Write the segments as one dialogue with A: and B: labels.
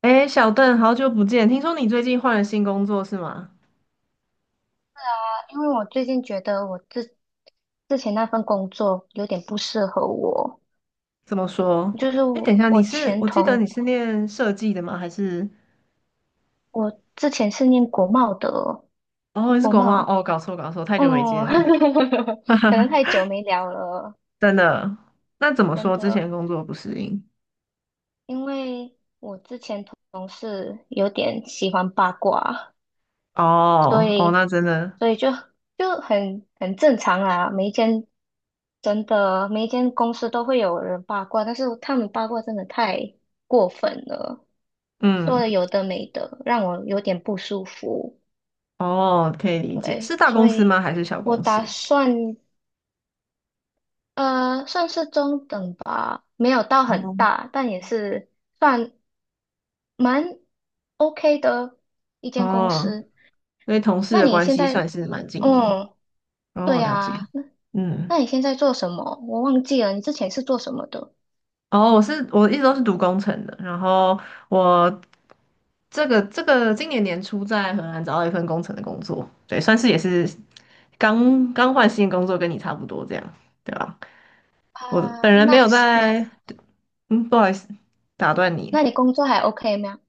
A: 哎，小邓，好久不见！听说你最近换了新工作是吗？
B: 因为我最近觉得我之前那份工作有点不适合我，
A: 怎么说？
B: 就是
A: 哎，等一下，你是，我记得你是念设计的吗？还是，
B: 我之前是念国贸的。
A: 哦，你是
B: 国
A: 国贸？
B: 贸。
A: 哦，搞错搞错，太久没见
B: 哦，
A: 了，哈哈
B: 可能太久没聊了。
A: 真的。那怎么
B: 真
A: 说？之
B: 的。
A: 前工作不适应？
B: 因为同事有点喜欢八卦，所
A: 哦哦，
B: 以
A: 那真的，
B: 所以就很正常啊。每一间真的每一间公司都会有人八卦，但是他们八卦真的太过分了。说
A: 嗯，
B: 了有的没的，让我有点不舒服。
A: 哦，可以理解。是
B: 对，
A: 大
B: 所
A: 公司
B: 以
A: 吗？还是小
B: 我
A: 公
B: 打
A: 司？
B: 算呃算是中等吧，没有到很
A: 哦
B: 大，但也是算蛮 OK 的一间公
A: 哦，
B: 司。
A: 所以同事
B: 那
A: 的
B: 你
A: 关
B: 现
A: 系算
B: 在，
A: 是蛮紧密。
B: 嗯，
A: 哦，我
B: 对
A: 了解。
B: 啊，那
A: 嗯，
B: 那你现在做什么？我忘记了，你之前是做什么的
A: 哦，我一直都是读工程的，然后我这个今年年初在荷兰找到一份工程的工作，对，算是也是刚刚换新工作，跟你差不多这样，对吧？我本
B: 啊？
A: 人没有在，嗯，不好意思，打断你，
B: 那你工作还 OK 吗？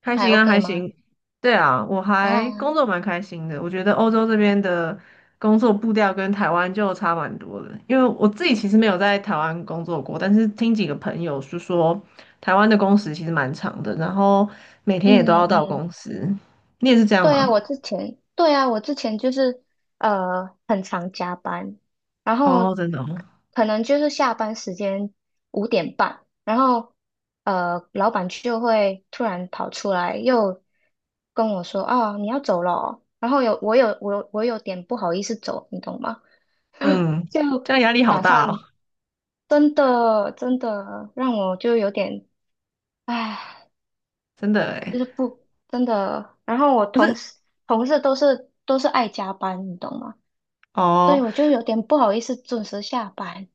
A: 还
B: 还
A: 行啊，
B: OK
A: 还
B: 吗？
A: 行，对啊，我还
B: 啊，
A: 工作蛮开心的，我觉得欧洲这边的工作步调跟台湾就差蛮多的，因为我自己其实没有在台湾工作过，但是听几个朋友是说，台湾的工时其实蛮长的，然后每天也都要
B: 嗯
A: 到
B: 嗯。
A: 公司，你也是这样
B: 对啊，
A: 吗？
B: 我之前，对啊，我之前就是很常加班，然
A: 哦，
B: 后
A: 真的哦，
B: 可能就是下班时间5:30，然后老板就会突然跑出来又跟我说啊，你要走了哦？然后有我有我有我有点不好意思走，你懂吗？
A: 嗯，
B: 就
A: 这样压力好
B: 打
A: 大哦，
B: 算真的真的让我就有点唉。
A: 真的
B: 就
A: 诶。
B: 是不真的。然后我
A: 可
B: 同
A: 是
B: 事同事都是爱加班，你懂吗？所以
A: 哦，
B: 我就有点不好意思准时下班。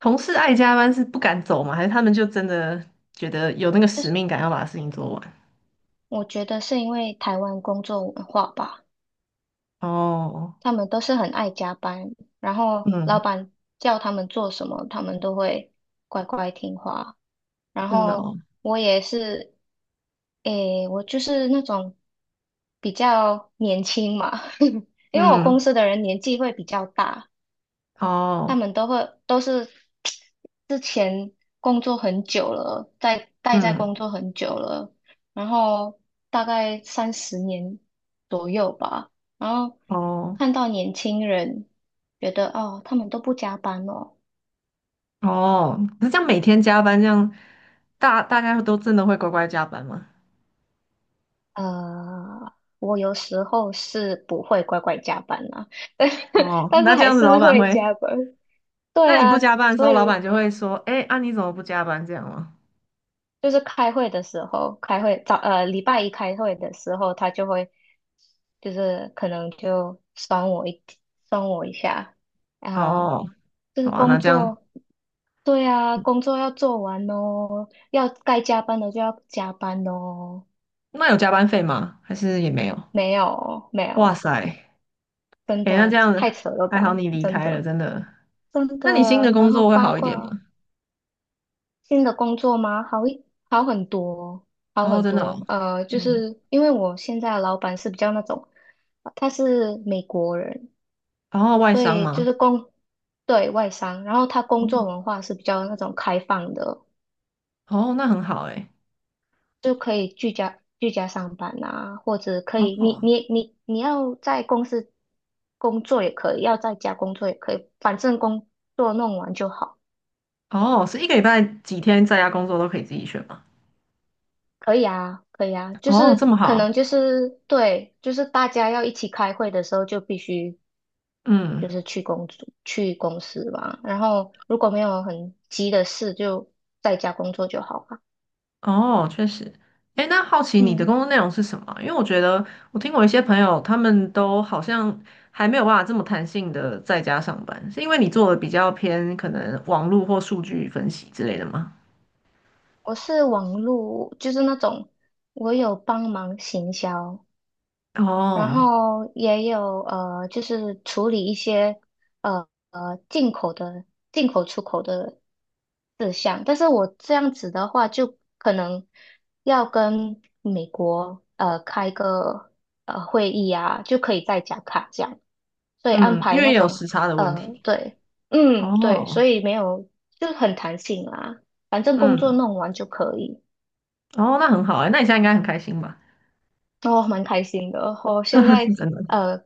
A: 同事爱加班是不敢走吗？还是他们就真的觉得有那个
B: 就
A: 使
B: 是
A: 命感要把事情做完？
B: 我觉得是因为台湾工作文化吧，
A: 哦，
B: 他们都是很爱加班，然后老
A: 嗯，
B: 板叫他们做什么，他们都会乖乖听话。然
A: 真的
B: 后
A: 哦，
B: 我也是，诶，我就是那种比较年轻嘛。因为我
A: 嗯，
B: 公司的人年纪会比较大。他
A: 哦，
B: 们都是之前工作很久了，待在
A: 嗯，
B: 工作很久了。然后大概30年左右吧。然后
A: 哦，
B: 看到年轻人，觉得哦，他们都不加班哦。
A: 哦，可是这样每天加班，这样大家都真的会乖乖加班吗？
B: 呃，我有时候是不会乖乖加班啦。但是
A: 哦，
B: 但
A: 那
B: 是
A: 这
B: 还
A: 样子老
B: 是
A: 板
B: 会
A: 会，
B: 加班。
A: 那
B: 对
A: 你不
B: 啊，
A: 加班的时
B: 所
A: 候，老
B: 以。
A: 板就会说，哎，啊你怎么不加班这样吗？
B: 就是开会的时候，开会早呃礼拜一开会的时候，他就会就是可能就酸我一下，然后
A: 哦，
B: 就是
A: 哇，那
B: 工
A: 这样。
B: 作。对啊，工作要做完哦，要该加班的就要加班哦。
A: 那有加班费吗？还是也没有？
B: 没有没
A: 哇
B: 有，
A: 塞，
B: 真
A: 哎，那这
B: 的
A: 样子
B: 太扯了
A: 还
B: 吧。
A: 好你离
B: 真
A: 开了，
B: 的
A: 真的。
B: 真的。
A: 那你新的工
B: 然后
A: 作会
B: 八
A: 好一点吗？
B: 卦。新的工作吗？好很多哦。好
A: 哦，
B: 很
A: 真的哦，
B: 多。就
A: 嗯，
B: 是因为我现在的老板是比较那种，他是美国人。
A: 然后外
B: 所
A: 商
B: 以就
A: 吗？
B: 是对，外商。然后他工作
A: 嗯
B: 文化是比较那种开放的。
A: 哦，那很好哎。
B: 就可以居家上班啊，或者可
A: 哦
B: 以你要在公司工作也可以，要在家工作也可以，反正工作弄完就好。
A: 哦，是一个礼拜几天在家工作都可以自己选吗？
B: 可以啊，可以啊，就
A: 哦，这
B: 是
A: 么
B: 可
A: 好，
B: 能就是对，就是大家要一起开会的时候就必须就
A: 嗯。
B: 是去公司吧。然后如果没有很急的事，就在家工作就好了。
A: 哦，确实。诶，那好奇你的
B: 嗯，
A: 工作内容是什么啊？因为我觉得我听我一些朋友，他们都好像还没有办法这么弹性的在家上班，是因为你做的比较偏可能网络或数据分析之类的吗？
B: 我是网络，就是那种我有帮忙行销。然
A: 哦，
B: 后也有就是处理一些呃呃进口的进口出口的志向。但是我这样子的话，就可能要跟美国开个会议啊，就可以在加卡这样。所以安
A: 嗯，因
B: 排
A: 为
B: 那
A: 也有
B: 种
A: 时差的问题。
B: 对，嗯对，所
A: 哦，
B: 以没有就很弹性啦，反正工
A: 嗯，
B: 作弄完就可以。
A: 哦，那很好诶，那你现在应该很开心吧？
B: 哦，蛮开心的。我现 在
A: 真的。
B: 呃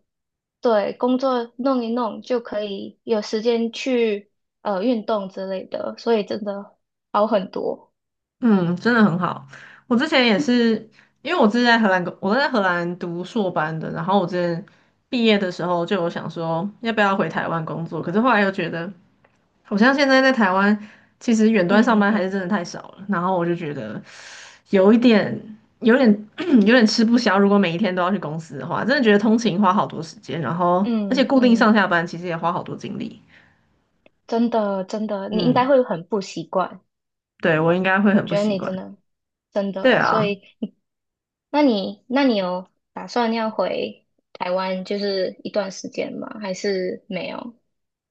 B: 对工作弄一弄就可以有时间去运动之类的，所以真的好很多。
A: 嗯，真的很好。我之前也是，因为我之前在荷兰，我在荷兰读硕班的，然后我之前毕业的时候就有想说要不要回台湾工作，可是后来又觉得，好像现在在台湾其实远端上
B: 嗯
A: 班还
B: 嗯
A: 是真的太少了，然后我就觉得有一点，有点 有点吃不消。如果每一天都要去公司的话，真的觉得通勤花好多时间，然后而
B: 嗯
A: 且固定
B: 嗯嗯。
A: 上下班其实也花好多精力。
B: 真的真的，你应该
A: 嗯，
B: 会很不习惯。
A: 对，我应该会
B: 我
A: 很不
B: 觉得
A: 习
B: 你
A: 惯。
B: 真的真
A: 对
B: 的，所
A: 啊。
B: 以那你有打算要回台湾就是一段时间吗？还是没有？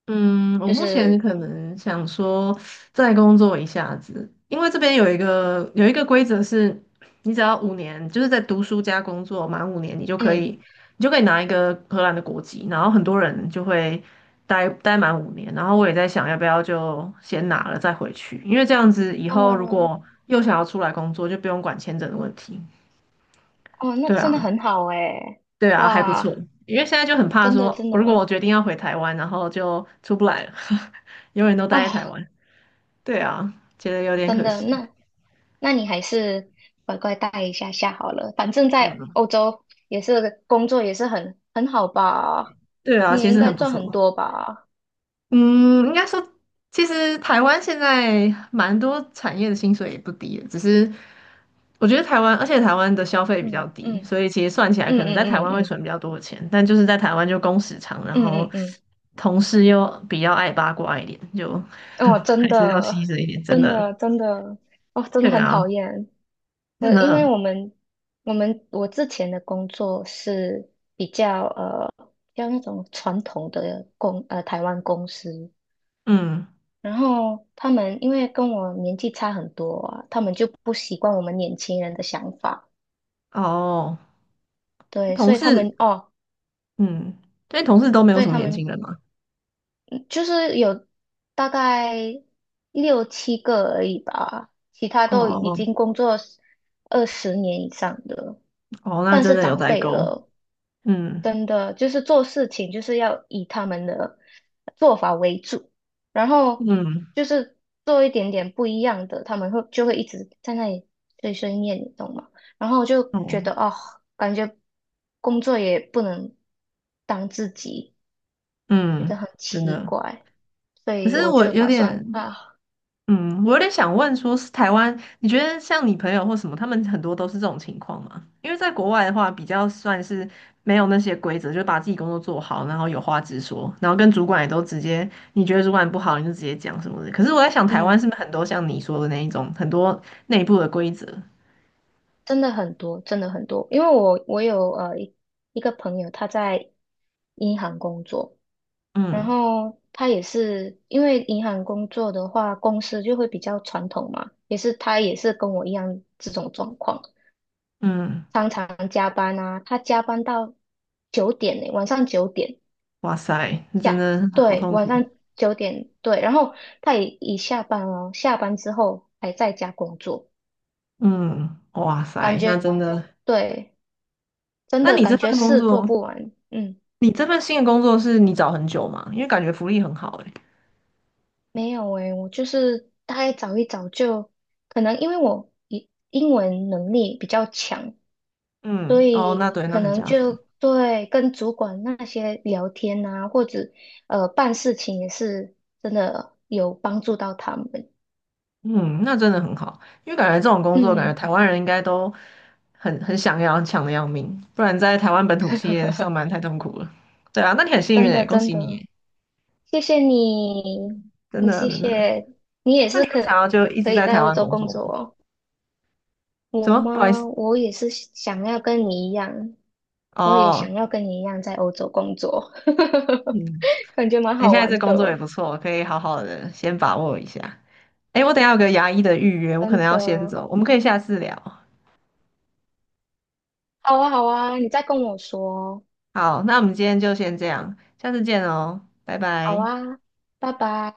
A: 嗯，我
B: 就
A: 目前
B: 是
A: 可能想说再工作一下子，因为这边有一个规则是，你只要五年，就是在读书加工作满五年，你就可
B: 嗯
A: 以你就可以拿一个荷兰的国籍，然后很多人就会待满五年，然后我也在想要不要就先拿了再回去，因为这样子以后如
B: 哦
A: 果又想要出来工作，就不用管签证的问题。
B: 哦，那
A: 对
B: 真的
A: 啊，
B: 很好诶。
A: 对啊，还不错。
B: 哇，
A: 因为现在就很怕
B: 真的
A: 说，
B: 真
A: 如果我
B: 的
A: 决定要回台湾，然后就出不来了，永远都
B: 哦，
A: 待在台湾。对啊，觉得有点
B: 真
A: 可
B: 的
A: 惜。
B: 那你还是乖乖待一下下好了，反正在
A: 嗯，
B: 欧洲也是工作也是很好吧。
A: 对啊，
B: 你也
A: 其
B: 应
A: 实
B: 该
A: 很不
B: 赚
A: 错。
B: 很多吧。
A: 嗯，应该说，其实台湾现在蛮多产业的薪水也不低的只是我觉得台湾，而且台湾的消费比较
B: 嗯
A: 低，
B: 嗯
A: 所以其实算起来
B: 嗯
A: 可能在
B: 嗯
A: 台
B: 嗯
A: 湾会
B: 嗯
A: 存比较多的钱，但就是在台湾就工时长，然
B: 嗯
A: 后
B: 嗯嗯，
A: 同事又比较爱八卦一点，就
B: 嗯哦，真
A: 还是要牺
B: 的，
A: 牲一点，真
B: 真
A: 的
B: 的，真的，哦，真的
A: 对
B: 很
A: 啊，
B: 讨厌。
A: 真
B: 我因为
A: 的，
B: 我们我们我之前的工作是比较那种传统的台湾公司。
A: 嗯，
B: 然后他们因为跟我年纪差很多啊，他们就不习惯我们年轻人的想法。
A: 哦，
B: 对。
A: 同
B: 所以他
A: 事，
B: 们哦，
A: 嗯，因为同事都没有
B: 所以
A: 什么
B: 他
A: 年
B: 们
A: 轻人嘛，
B: 就是有大概六七个而已吧，其他都已
A: 哦
B: 经工作20年以上的，
A: 哦，那
B: 算
A: 真
B: 是
A: 的有
B: 长
A: 代
B: 辈
A: 沟，
B: 了。
A: 嗯
B: 真的，就是做事情就是要以他们的做法为主，然后
A: 嗯
B: 就是做一点点不一样的，他们就会一直在那里碎碎念，你懂吗？然后我就觉得
A: 哦
B: 哦，感觉工作也不能当自己，觉得
A: 嗯，
B: 很
A: 真
B: 奇
A: 的。
B: 怪。所
A: 可
B: 以
A: 是
B: 我
A: 我
B: 就
A: 有
B: 打算
A: 点，
B: 啊。
A: 嗯，我有点想问说，是台湾，你觉得像你朋友或什么，他们很多都是这种情况吗？因为在国外的话，比较算是没有那些规则，就把自己工作做好，然后有话直说，然后跟主管也都直接，你觉得主管不好，你就直接讲什么的。可是我在想，台湾是
B: 嗯，
A: 不是很多像你说的那一种，很多内部的规则？
B: 真的很多，真的很多。因为我有一个朋友，他在银行工作。然
A: 嗯
B: 后他也是因为银行工作的话，公司就会比较传统嘛，他也是跟我一样这种状况，
A: 嗯，
B: 常常加班啊。他加班到九点呢，晚上九点
A: 哇塞，那真
B: 下，
A: 的好
B: 对，
A: 痛
B: 晚
A: 苦。
B: 上九点对。然后他也已下班哦，下班之后还在家工作，
A: 嗯，哇
B: 感
A: 塞，那
B: 觉。
A: 真的，
B: 对，真
A: 那
B: 的
A: 你这
B: 感觉
A: 份工
B: 事做
A: 作，
B: 不完。嗯，
A: 你这份新的工作是你找很久吗？因为感觉福利很好欸
B: 没有诶，我就是大概找一找就，可能因为我英文能力比较强，所
A: 嗯，哦，那
B: 以
A: 对，那
B: 可
A: 很
B: 能
A: 加分。
B: 就对跟主管那些聊天啊，或者办事情也是真的有帮助到他们。
A: 嗯，那真的很好，因为感觉这种工作，感觉
B: 嗯，
A: 台湾人应该都很想要，很抢的要命，不然在台湾本土企业上 班太痛苦了。对啊，那你很幸运
B: 真
A: 诶，
B: 的
A: 恭
B: 真
A: 喜你
B: 的，
A: 耶，
B: 谢谢你。
A: 真
B: 你
A: 的
B: 谢
A: 真的。
B: 谢你也
A: 那
B: 是
A: 你会想
B: 可
A: 要就一
B: 可
A: 直
B: 以
A: 在
B: 在
A: 台
B: 欧
A: 湾
B: 洲
A: 工
B: 工
A: 作吗？
B: 作哦。
A: 什
B: 我
A: 么？不好意
B: 吗？
A: 思，
B: 我也
A: 哦，
B: 想要跟你一样在欧洲工作。
A: 嗯，
B: 感觉蛮
A: 你现
B: 好
A: 在这
B: 玩
A: 工作也
B: 的，
A: 不错，可以好好的先把握一下。诶，我等一下有个牙医的预约，我可
B: 真
A: 能要先
B: 的。
A: 走，我们可以下次聊。
B: 好啊，好啊，你再跟我说哦。
A: 好，那我们今天就先这样，下次见哦，拜
B: 好
A: 拜。
B: 啊，拜拜。